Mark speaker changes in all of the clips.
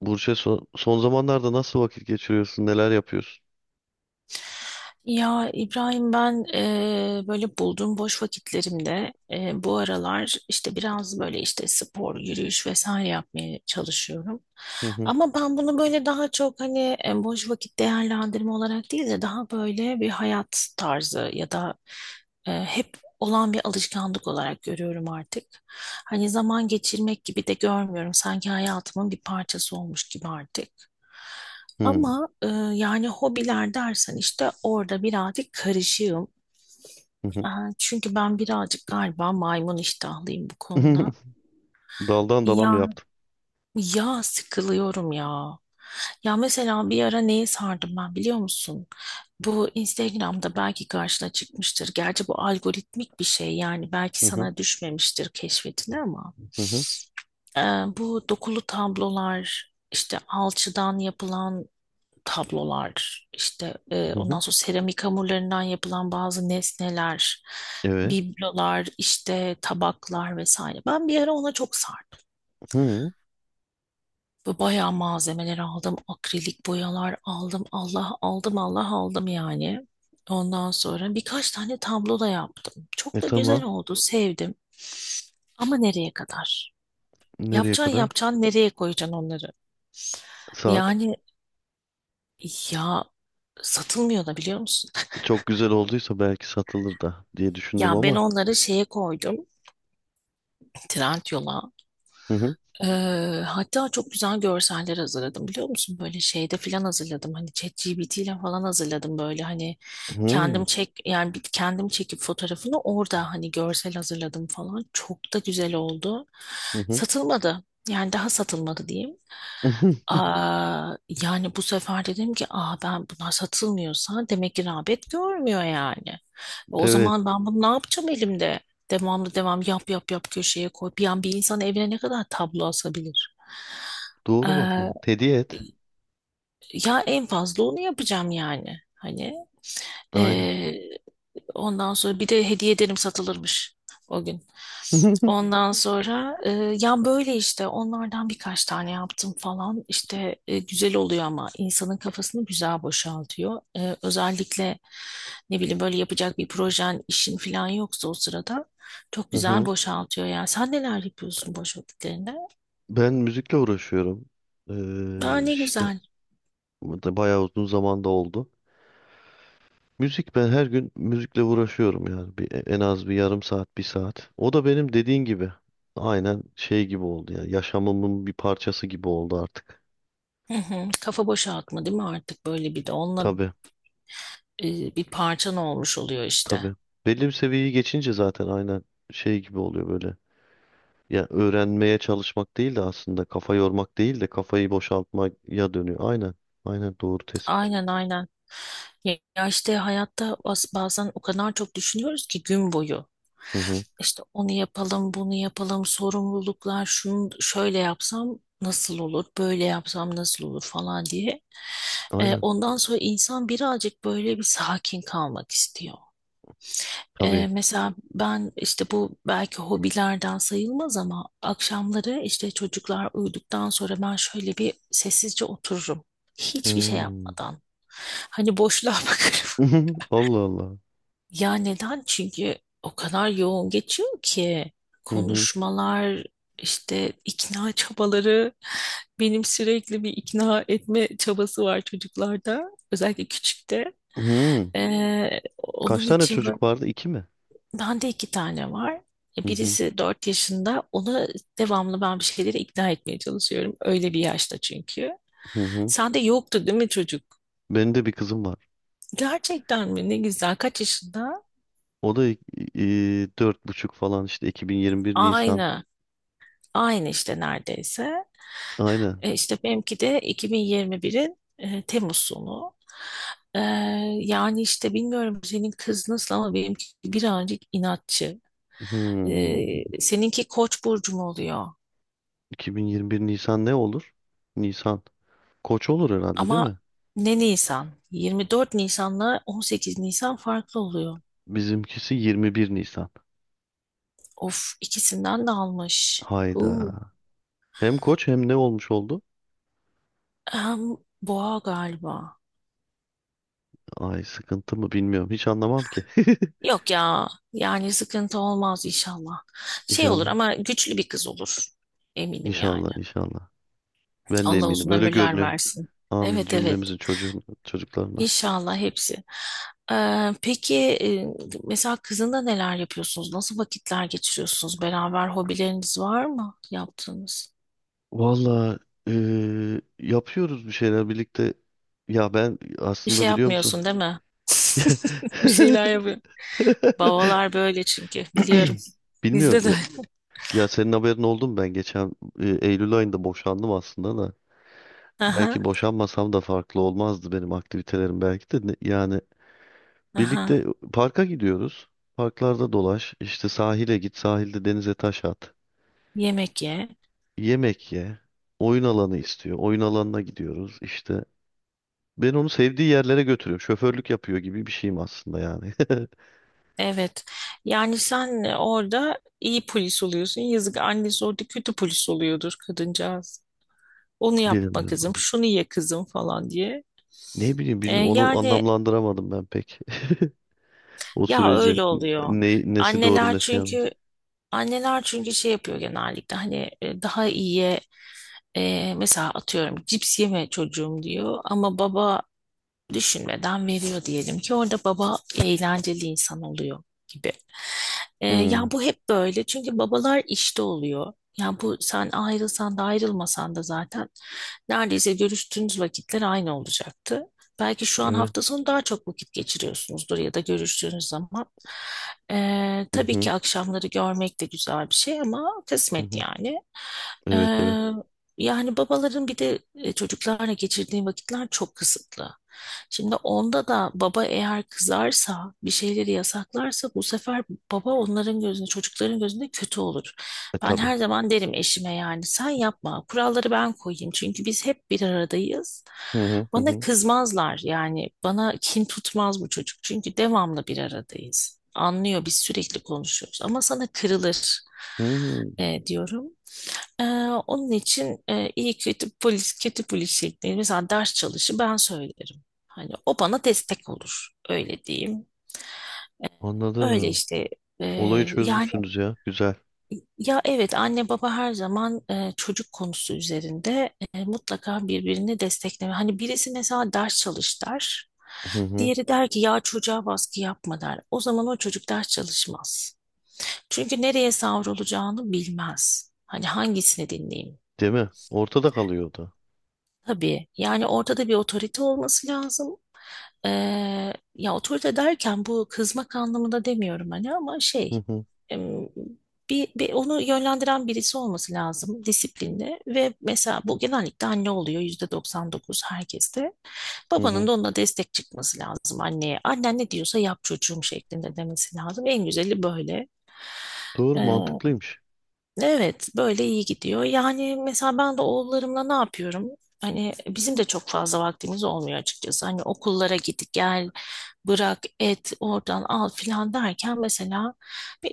Speaker 1: Burç'e son zamanlarda nasıl vakit geçiriyorsun? Neler yapıyorsun?
Speaker 2: Ya İbrahim ben böyle bulduğum boş vakitlerimde bu aralar işte biraz böyle işte spor, yürüyüş vesaire yapmaya çalışıyorum.
Speaker 1: Hı hı.
Speaker 2: Ama ben bunu böyle daha çok hani boş vakit değerlendirme olarak değil de daha böyle bir hayat tarzı ya da hep olan bir alışkanlık olarak görüyorum artık. Hani zaman geçirmek gibi de görmüyorum. Sanki hayatımın bir parçası olmuş gibi artık.
Speaker 1: Hı
Speaker 2: Ama yani hobiler dersen işte orada birazcık karışığım.
Speaker 1: hı. Hı.
Speaker 2: E, çünkü ben birazcık galiba maymun iştahlıyım bu konuda.
Speaker 1: Daldan dala mı
Speaker 2: Ya
Speaker 1: yaptım?
Speaker 2: ya sıkılıyorum ya. Ya mesela bir ara neye sardım ben biliyor musun? Bu Instagram'da belki karşına çıkmıştır. Gerçi bu algoritmik bir şey yani belki
Speaker 1: Hı hı.
Speaker 2: sana düşmemiştir keşfetine ama
Speaker 1: Hı hı.
Speaker 2: e, bu dokulu tablolar işte alçıdan yapılan tablolar, işte
Speaker 1: Hı hı.
Speaker 2: ondan sonra seramik hamurlarından yapılan bazı nesneler,
Speaker 1: Evet.
Speaker 2: biblolar, işte tabaklar vesaire. Ben bir ara ona çok sardım.
Speaker 1: Hı.
Speaker 2: Ve bayağı malzemeler aldım. Akrilik boyalar aldım. Allah aldım, Allah aldım yani. Ondan sonra birkaç tane tablo da yaptım.
Speaker 1: E
Speaker 2: Çok da güzel
Speaker 1: tamam.
Speaker 2: oldu, sevdim. Ama nereye kadar?
Speaker 1: Nereye
Speaker 2: Yapacaksın
Speaker 1: kadar?
Speaker 2: yapacaksın, nereye koyacaksın onları?
Speaker 1: Saat.
Speaker 2: Yani ya satılmıyor da biliyor musun?
Speaker 1: Çok güzel olduysa belki satılır da diye düşündüm
Speaker 2: Ya ben
Speaker 1: ama.
Speaker 2: onları şeye koydum. Trendyol'a.
Speaker 1: Hı hı.
Speaker 2: Ee, hatta çok güzel görseller hazırladım biliyor musun? Böyle şeyde falan hazırladım. Hani ChatGPT ile falan hazırladım, böyle hani kendim
Speaker 1: Hı
Speaker 2: çek yani kendim çekip fotoğrafını orada hani görsel hazırladım falan. Çok da güzel oldu.
Speaker 1: hı. Hı.
Speaker 2: Satılmadı. Yani daha satılmadı diyeyim. Aa, yani bu sefer dedim ki, aa, ben bunlar satılmıyorsa demek ki rağbet görmüyor yani. O
Speaker 1: Evet.
Speaker 2: zaman ben bunu ne yapacağım elimde? Devamlı devam, yap yap yap, köşeye koy. Bir an bir insan evine ne kadar tablo asabilir?
Speaker 1: Doğru bak. Ha.
Speaker 2: Ee,
Speaker 1: Hediye et.
Speaker 2: ya en fazla onu yapacağım yani. Hani
Speaker 1: Aynen.
Speaker 2: e, Ondan sonra bir de hediye ederim, satılırmış o gün. Ondan sonra ya böyle işte onlardan birkaç tane yaptım falan. İşte güzel oluyor, ama insanın kafasını güzel boşaltıyor. Özellikle ne bileyim, böyle yapacak bir projen, işin falan yoksa o sırada çok
Speaker 1: Hı
Speaker 2: güzel
Speaker 1: hı.
Speaker 2: boşaltıyor yani. Sen neler yapıyorsun boş vakitlerinde?
Speaker 1: Ben müzikle uğraşıyorum.
Speaker 2: Aa, ne
Speaker 1: İşte
Speaker 2: güzel.
Speaker 1: bu da bayağı uzun zamanda oldu. Müzik, ben her gün müzikle uğraşıyorum yani en az bir yarım saat bir saat. O da benim dediğin gibi aynen şey gibi oldu ya, yaşamımın bir parçası gibi oldu artık.
Speaker 2: Hı hı. Kafa boşaltma değil mi, artık böyle bir de onunla
Speaker 1: Tabii,
Speaker 2: bir parçan olmuş oluyor işte.
Speaker 1: tabii, belli bir seviyeyi geçince zaten aynen şey gibi oluyor böyle. Ya öğrenmeye çalışmak değil de aslında kafa yormak değil de kafayı boşaltmaya dönüyor. Aynen, aynen, doğru tespit.
Speaker 2: Aynen, aynen. Ya işte hayatta bazen o kadar çok düşünüyoruz ki gün boyu.
Speaker 1: Hı hı.
Speaker 2: İşte onu yapalım, bunu yapalım, sorumluluklar, şunu şöyle yapsam nasıl olur, böyle yapsam nasıl olur falan diye. Ee,
Speaker 1: Aynen
Speaker 2: ondan sonra insan birazcık böyle bir sakin kalmak istiyor. Ee,
Speaker 1: tabii.
Speaker 2: mesela ben işte bu belki hobilerden sayılmaz ama akşamları işte çocuklar uyuduktan sonra ben şöyle bir sessizce otururum. Hiçbir şey
Speaker 1: Hmm.
Speaker 2: yapmadan. Hani boşluğa bakarım.
Speaker 1: Allah Allah.
Speaker 2: Ya neden? Çünkü o kadar yoğun geçiyor ki
Speaker 1: Hı hı.
Speaker 2: konuşmalar, işte ikna çabaları. Benim sürekli bir ikna etme çabası var çocuklarda. Özellikle küçükte.
Speaker 1: Hı.
Speaker 2: Ee,
Speaker 1: Kaç
Speaker 2: onun
Speaker 1: tane
Speaker 2: için böyle.
Speaker 1: çocuk vardı? İki mi?
Speaker 2: Bende iki tane var.
Speaker 1: Hı hı.
Speaker 2: Birisi 4 yaşında. Onu devamlı ben bir şeyleri ikna etmeye çalışıyorum. Öyle bir yaşta çünkü.
Speaker 1: Hı hı.
Speaker 2: Sende yoktu değil mi çocuk?
Speaker 1: Benim de bir kızım var.
Speaker 2: Gerçekten mi? Ne güzel. Kaç yaşında?
Speaker 1: O da dört buçuk falan işte, 2021 Nisan.
Speaker 2: Aynı. Aynı işte neredeyse.
Speaker 1: Aynen.
Speaker 2: E, işte benimki de 2021'in Temmuz sonu. E, yani işte bilmiyorum senin kız nasıl ama benimki birazcık inatçı.
Speaker 1: Hmm.
Speaker 2: Seninki Koç burcu mu oluyor?
Speaker 1: 2021 Nisan ne olur? Nisan. Koç olur herhalde değil
Speaker 2: Ama
Speaker 1: mi?
Speaker 2: ne Nisan? 24 Nisan'la 18 Nisan farklı oluyor.
Speaker 1: Bizimkisi 21 Nisan.
Speaker 2: Of, ikisinden de almış.
Speaker 1: Hayda.
Speaker 2: Huu.
Speaker 1: Hem koç hem ne olmuş oldu?
Speaker 2: Hem boğa galiba.
Speaker 1: Ay, sıkıntı mı bilmiyorum. Hiç anlamam ki.
Speaker 2: Yok ya, yani sıkıntı olmaz inşallah. Şey olur
Speaker 1: İnşallah.
Speaker 2: ama güçlü bir kız olur. Eminim
Speaker 1: İnşallah,
Speaker 2: yani.
Speaker 1: inşallah. Ben de
Speaker 2: Allah
Speaker 1: eminim.
Speaker 2: uzun
Speaker 1: Öyle
Speaker 2: ömürler
Speaker 1: görünüyor.
Speaker 2: versin.
Speaker 1: Amin
Speaker 2: Evet, evet.
Speaker 1: cümlemizin çocuklarına.
Speaker 2: İnşallah hepsi. Peki mesela kızında neler yapıyorsunuz? Nasıl vakitler geçiriyorsunuz? Beraber hobileriniz var mı yaptığınız?
Speaker 1: Valla yapıyoruz bir şeyler birlikte. Ya ben
Speaker 2: Bir
Speaker 1: aslında
Speaker 2: şey
Speaker 1: biliyor musun?
Speaker 2: yapmıyorsun değil mi? Bir şeyler yapıyor. Babalar böyle çünkü, biliyorum.
Speaker 1: Bilmiyorum.
Speaker 2: Bizde de.
Speaker 1: Ya, senin haberin oldu mu? Ben geçen Eylül ayında boşandım aslında da.
Speaker 2: Aha,
Speaker 1: Belki boşanmasam da farklı olmazdı benim aktivitelerim belki de. Yani
Speaker 2: aha.
Speaker 1: birlikte parka gidiyoruz. Parklarda dolaş. İşte sahile git. Sahilde denize taş at.
Speaker 2: Yemek ye.
Speaker 1: Yemek ye. Oyun alanı istiyor. Oyun alanına gidiyoruz. İşte, ben onu sevdiği yerlere götürüyorum. Şoförlük yapıyor gibi bir şeyim aslında yani.
Speaker 2: Evet. Yani sen orada iyi polis oluyorsun. Yazık, annesi orada kötü polis oluyordur kadıncağız. Onu yapma
Speaker 1: Bilmiyorum
Speaker 2: kızım,
Speaker 1: ama.
Speaker 2: şunu ye kızım falan diye.
Speaker 1: Ne bileyim,
Speaker 2: E,
Speaker 1: bilmiyorum. Onu
Speaker 2: yani
Speaker 1: anlamlandıramadım ben pek. O
Speaker 2: ya
Speaker 1: süreci.
Speaker 2: öyle oluyor.
Speaker 1: Nesi doğru
Speaker 2: Anneler
Speaker 1: nesi
Speaker 2: çünkü
Speaker 1: yanlış.
Speaker 2: anneler çünkü şey yapıyor genellikle, hani daha iyiye, mesela atıyorum cips yeme çocuğum diyor, ama baba düşünmeden veriyor diyelim ki, orada baba eğlenceli insan oluyor gibi. Ee,
Speaker 1: Hmm,
Speaker 2: ya bu hep böyle çünkü babalar işte oluyor. Ya bu sen ayrılsan da ayrılmasan da zaten neredeyse görüştüğünüz vakitler aynı olacaktı. Belki şu an
Speaker 1: evet.
Speaker 2: hafta sonu daha çok vakit geçiriyorsunuzdur ya da görüştüğünüz zaman. Ee,
Speaker 1: Hı
Speaker 2: tabii
Speaker 1: hı,
Speaker 2: ki akşamları görmek de güzel bir şey ama
Speaker 1: hı
Speaker 2: kısmet
Speaker 1: hı.
Speaker 2: yani. Ee,
Speaker 1: Evet, evet.
Speaker 2: yani babaların bir de çocuklarla geçirdiği vakitler çok kısıtlı. Şimdi onda da baba eğer kızarsa, bir şeyleri yasaklarsa, bu sefer baba onların gözünde, çocukların gözünde kötü olur.
Speaker 1: E
Speaker 2: Ben
Speaker 1: tabii.
Speaker 2: her zaman derim eşime, yani sen yapma, kuralları ben koyayım. Çünkü biz hep bir aradayız.
Speaker 1: Hı hı, hı
Speaker 2: Bana
Speaker 1: hı.
Speaker 2: kızmazlar, yani bana kin tutmaz bu çocuk. Çünkü devamlı bir aradayız. Anlıyor, biz sürekli konuşuyoruz, ama sana kırılır
Speaker 1: Hmm,
Speaker 2: diyorum. Ee, onun için iyi, kötü polis, kötü polis şeklinde, mesela ders çalışı ben söylerim. Hani o bana destek olur. Öyle diyeyim. Öyle
Speaker 1: anladım.
Speaker 2: işte e,
Speaker 1: Olayı
Speaker 2: yani,
Speaker 1: çözmüşsünüz ya. Güzel.
Speaker 2: ya evet anne baba her zaman çocuk konusu üzerinde mutlaka birbirini destekleme. Hani birisi mesela ders çalış der.
Speaker 1: Hı hı.
Speaker 2: Diğeri der ki ya çocuğa baskı yapma der. O zaman o çocuk ders çalışmaz. Çünkü nereye savrulacağını bilmez. Hani hangisini dinleyeyim?
Speaker 1: Değil mi? Ortada kalıyor o da.
Speaker 2: Tabii, yani ortada bir otorite olması lazım. Ya otorite derken bu kızmak anlamında demiyorum hani, ama
Speaker 1: Hı
Speaker 2: şey,
Speaker 1: hı,
Speaker 2: em, bir onu yönlendiren birisi olması lazım, disiplinli, ve mesela bu genellikle anne oluyor yüzde 99 herkeste.
Speaker 1: hı
Speaker 2: Babanın
Speaker 1: hı.
Speaker 2: da ona destek çıkması lazım anneye. Annen ne diyorsa yap çocuğum şeklinde demesi lazım. En güzeli böyle.
Speaker 1: Doğru, mantıklıymış.
Speaker 2: Evet, böyle iyi gidiyor. Yani mesela ben de oğullarımla ne yapıyorum? Hani bizim de çok fazla vaktimiz olmuyor açıkçası. Hani okullara git gel, bırak, et, oradan al filan derken, mesela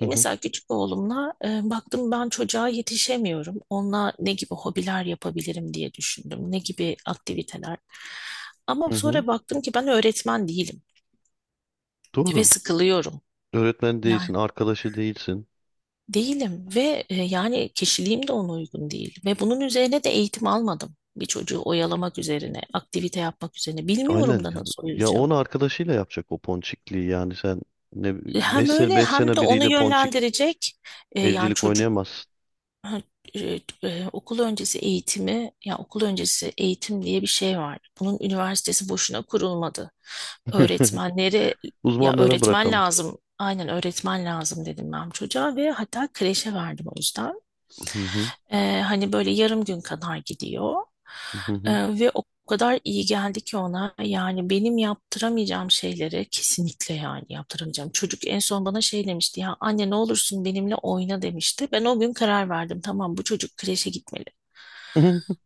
Speaker 1: Hı hı,
Speaker 2: mesela küçük oğlumla baktım ben çocuğa yetişemiyorum. Onunla ne gibi hobiler yapabilirim diye düşündüm. Ne gibi aktiviteler. Ama
Speaker 1: hı hı.
Speaker 2: sonra baktım ki ben öğretmen değilim ve
Speaker 1: Doğru.
Speaker 2: sıkılıyorum.
Speaker 1: Öğretmen
Speaker 2: Yani
Speaker 1: değilsin, arkadaşı değilsin.
Speaker 2: değilim, ve yani kişiliğim de ona uygun değil. Ve bunun üzerine de eğitim almadım. Bir çocuğu oyalamak üzerine, aktivite yapmak üzerine. Bilmiyorum
Speaker 1: Aynen.
Speaker 2: da nasıl
Speaker 1: Ya
Speaker 2: oyalacağım.
Speaker 1: onu arkadaşıyla yapacak o ponçikliği, yani sen ne
Speaker 2: Hem
Speaker 1: 5 sene
Speaker 2: öyle
Speaker 1: 5
Speaker 2: hem
Speaker 1: sene
Speaker 2: de onu
Speaker 1: biriyle ponçik
Speaker 2: yönlendirecek, yani
Speaker 1: evcilik
Speaker 2: çocuk.
Speaker 1: oynayamazsın.
Speaker 2: Ha, e, okul öncesi eğitimi, ya okul öncesi eğitim diye bir şey var. Bunun üniversitesi boşuna kurulmadı. Öğretmenleri, ya
Speaker 1: Uzmanlara
Speaker 2: öğretmen
Speaker 1: bırakalım.
Speaker 2: lazım, aynen öğretmen lazım, dedim ben çocuğa ve hatta kreşe verdim o yüzden.
Speaker 1: Hı hı,
Speaker 2: Hani böyle yarım gün kadar gidiyor.
Speaker 1: hı hı.
Speaker 2: Ve o kadar iyi geldi ki ona, yani benim yaptıramayacağım şeyleri, kesinlikle yani yaptıramayacağım. Çocuk en son bana şey demişti, ya anne ne olursun benimle oyna demişti. Ben o gün karar verdim, tamam bu çocuk kreşe gitmeli.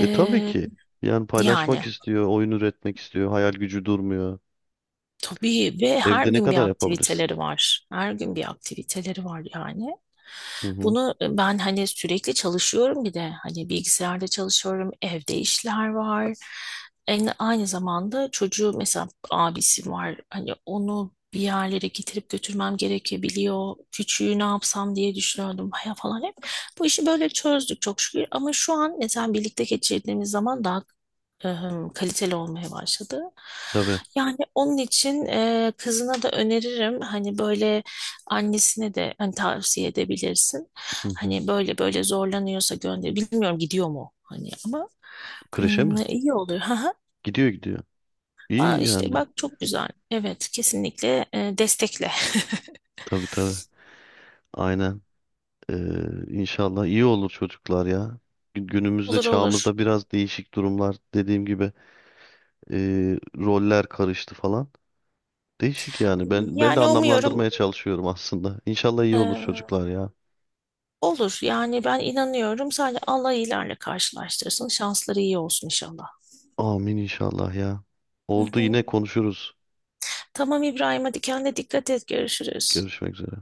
Speaker 1: E tabii ki. Yani
Speaker 2: yani.
Speaker 1: paylaşmak istiyor, oyun üretmek istiyor, hayal gücü durmuyor.
Speaker 2: Tabii, ve her
Speaker 1: Evde ne
Speaker 2: gün bir
Speaker 1: kadar yapabilirsin?
Speaker 2: aktiviteleri var. Her gün bir aktiviteleri var yani.
Speaker 1: Hı hı.
Speaker 2: Bunu ben hani sürekli çalışıyorum, bir de hani bilgisayarda çalışıyorum, evde işler var. Aynı zamanda çocuğu, mesela abisi var. Hani onu bir yerlere getirip götürmem gerekebiliyor. Küçüğü ne yapsam diye düşünüyordum ya falan hep. Bu işi böyle çözdük çok şükür. Ama şu an mesela birlikte geçirdiğimiz zaman daha kaliteli olmaya başladı.
Speaker 1: Tabii.
Speaker 2: Yani onun için kızına da öneririm, hani böyle annesine de hani tavsiye edebilirsin.
Speaker 1: Hı hı.
Speaker 2: Hani böyle böyle zorlanıyorsa gönder. Bilmiyorum gidiyor mu hani, ama
Speaker 1: Kreşe mi?
Speaker 2: iyi oluyor. Haha.
Speaker 1: Gidiyor, gidiyor.
Speaker 2: Aa,
Speaker 1: İyi
Speaker 2: işte
Speaker 1: yani.
Speaker 2: bak çok güzel. Evet, kesinlikle destekle.
Speaker 1: Tabii, tabii. Aynen. Ee, inşallah iyi olur çocuklar ya. Günümüzde,
Speaker 2: Olur, olur.
Speaker 1: çağımızda biraz değişik durumlar, dediğim gibi. Roller karıştı falan. Değişik yani. Ben de
Speaker 2: Yani umuyorum
Speaker 1: anlamlandırmaya çalışıyorum aslında. İnşallah iyi olur
Speaker 2: e,
Speaker 1: çocuklar ya.
Speaker 2: olur. Yani ben inanıyorum. Sadece Allah iyilerle karşılaştırsın. Şansları iyi olsun inşallah.
Speaker 1: Amin inşallah ya.
Speaker 2: Hı
Speaker 1: Oldu,
Speaker 2: hı.
Speaker 1: yine konuşuruz.
Speaker 2: Tamam İbrahim, hadi kendine dikkat et, görüşürüz.
Speaker 1: Görüşmek üzere.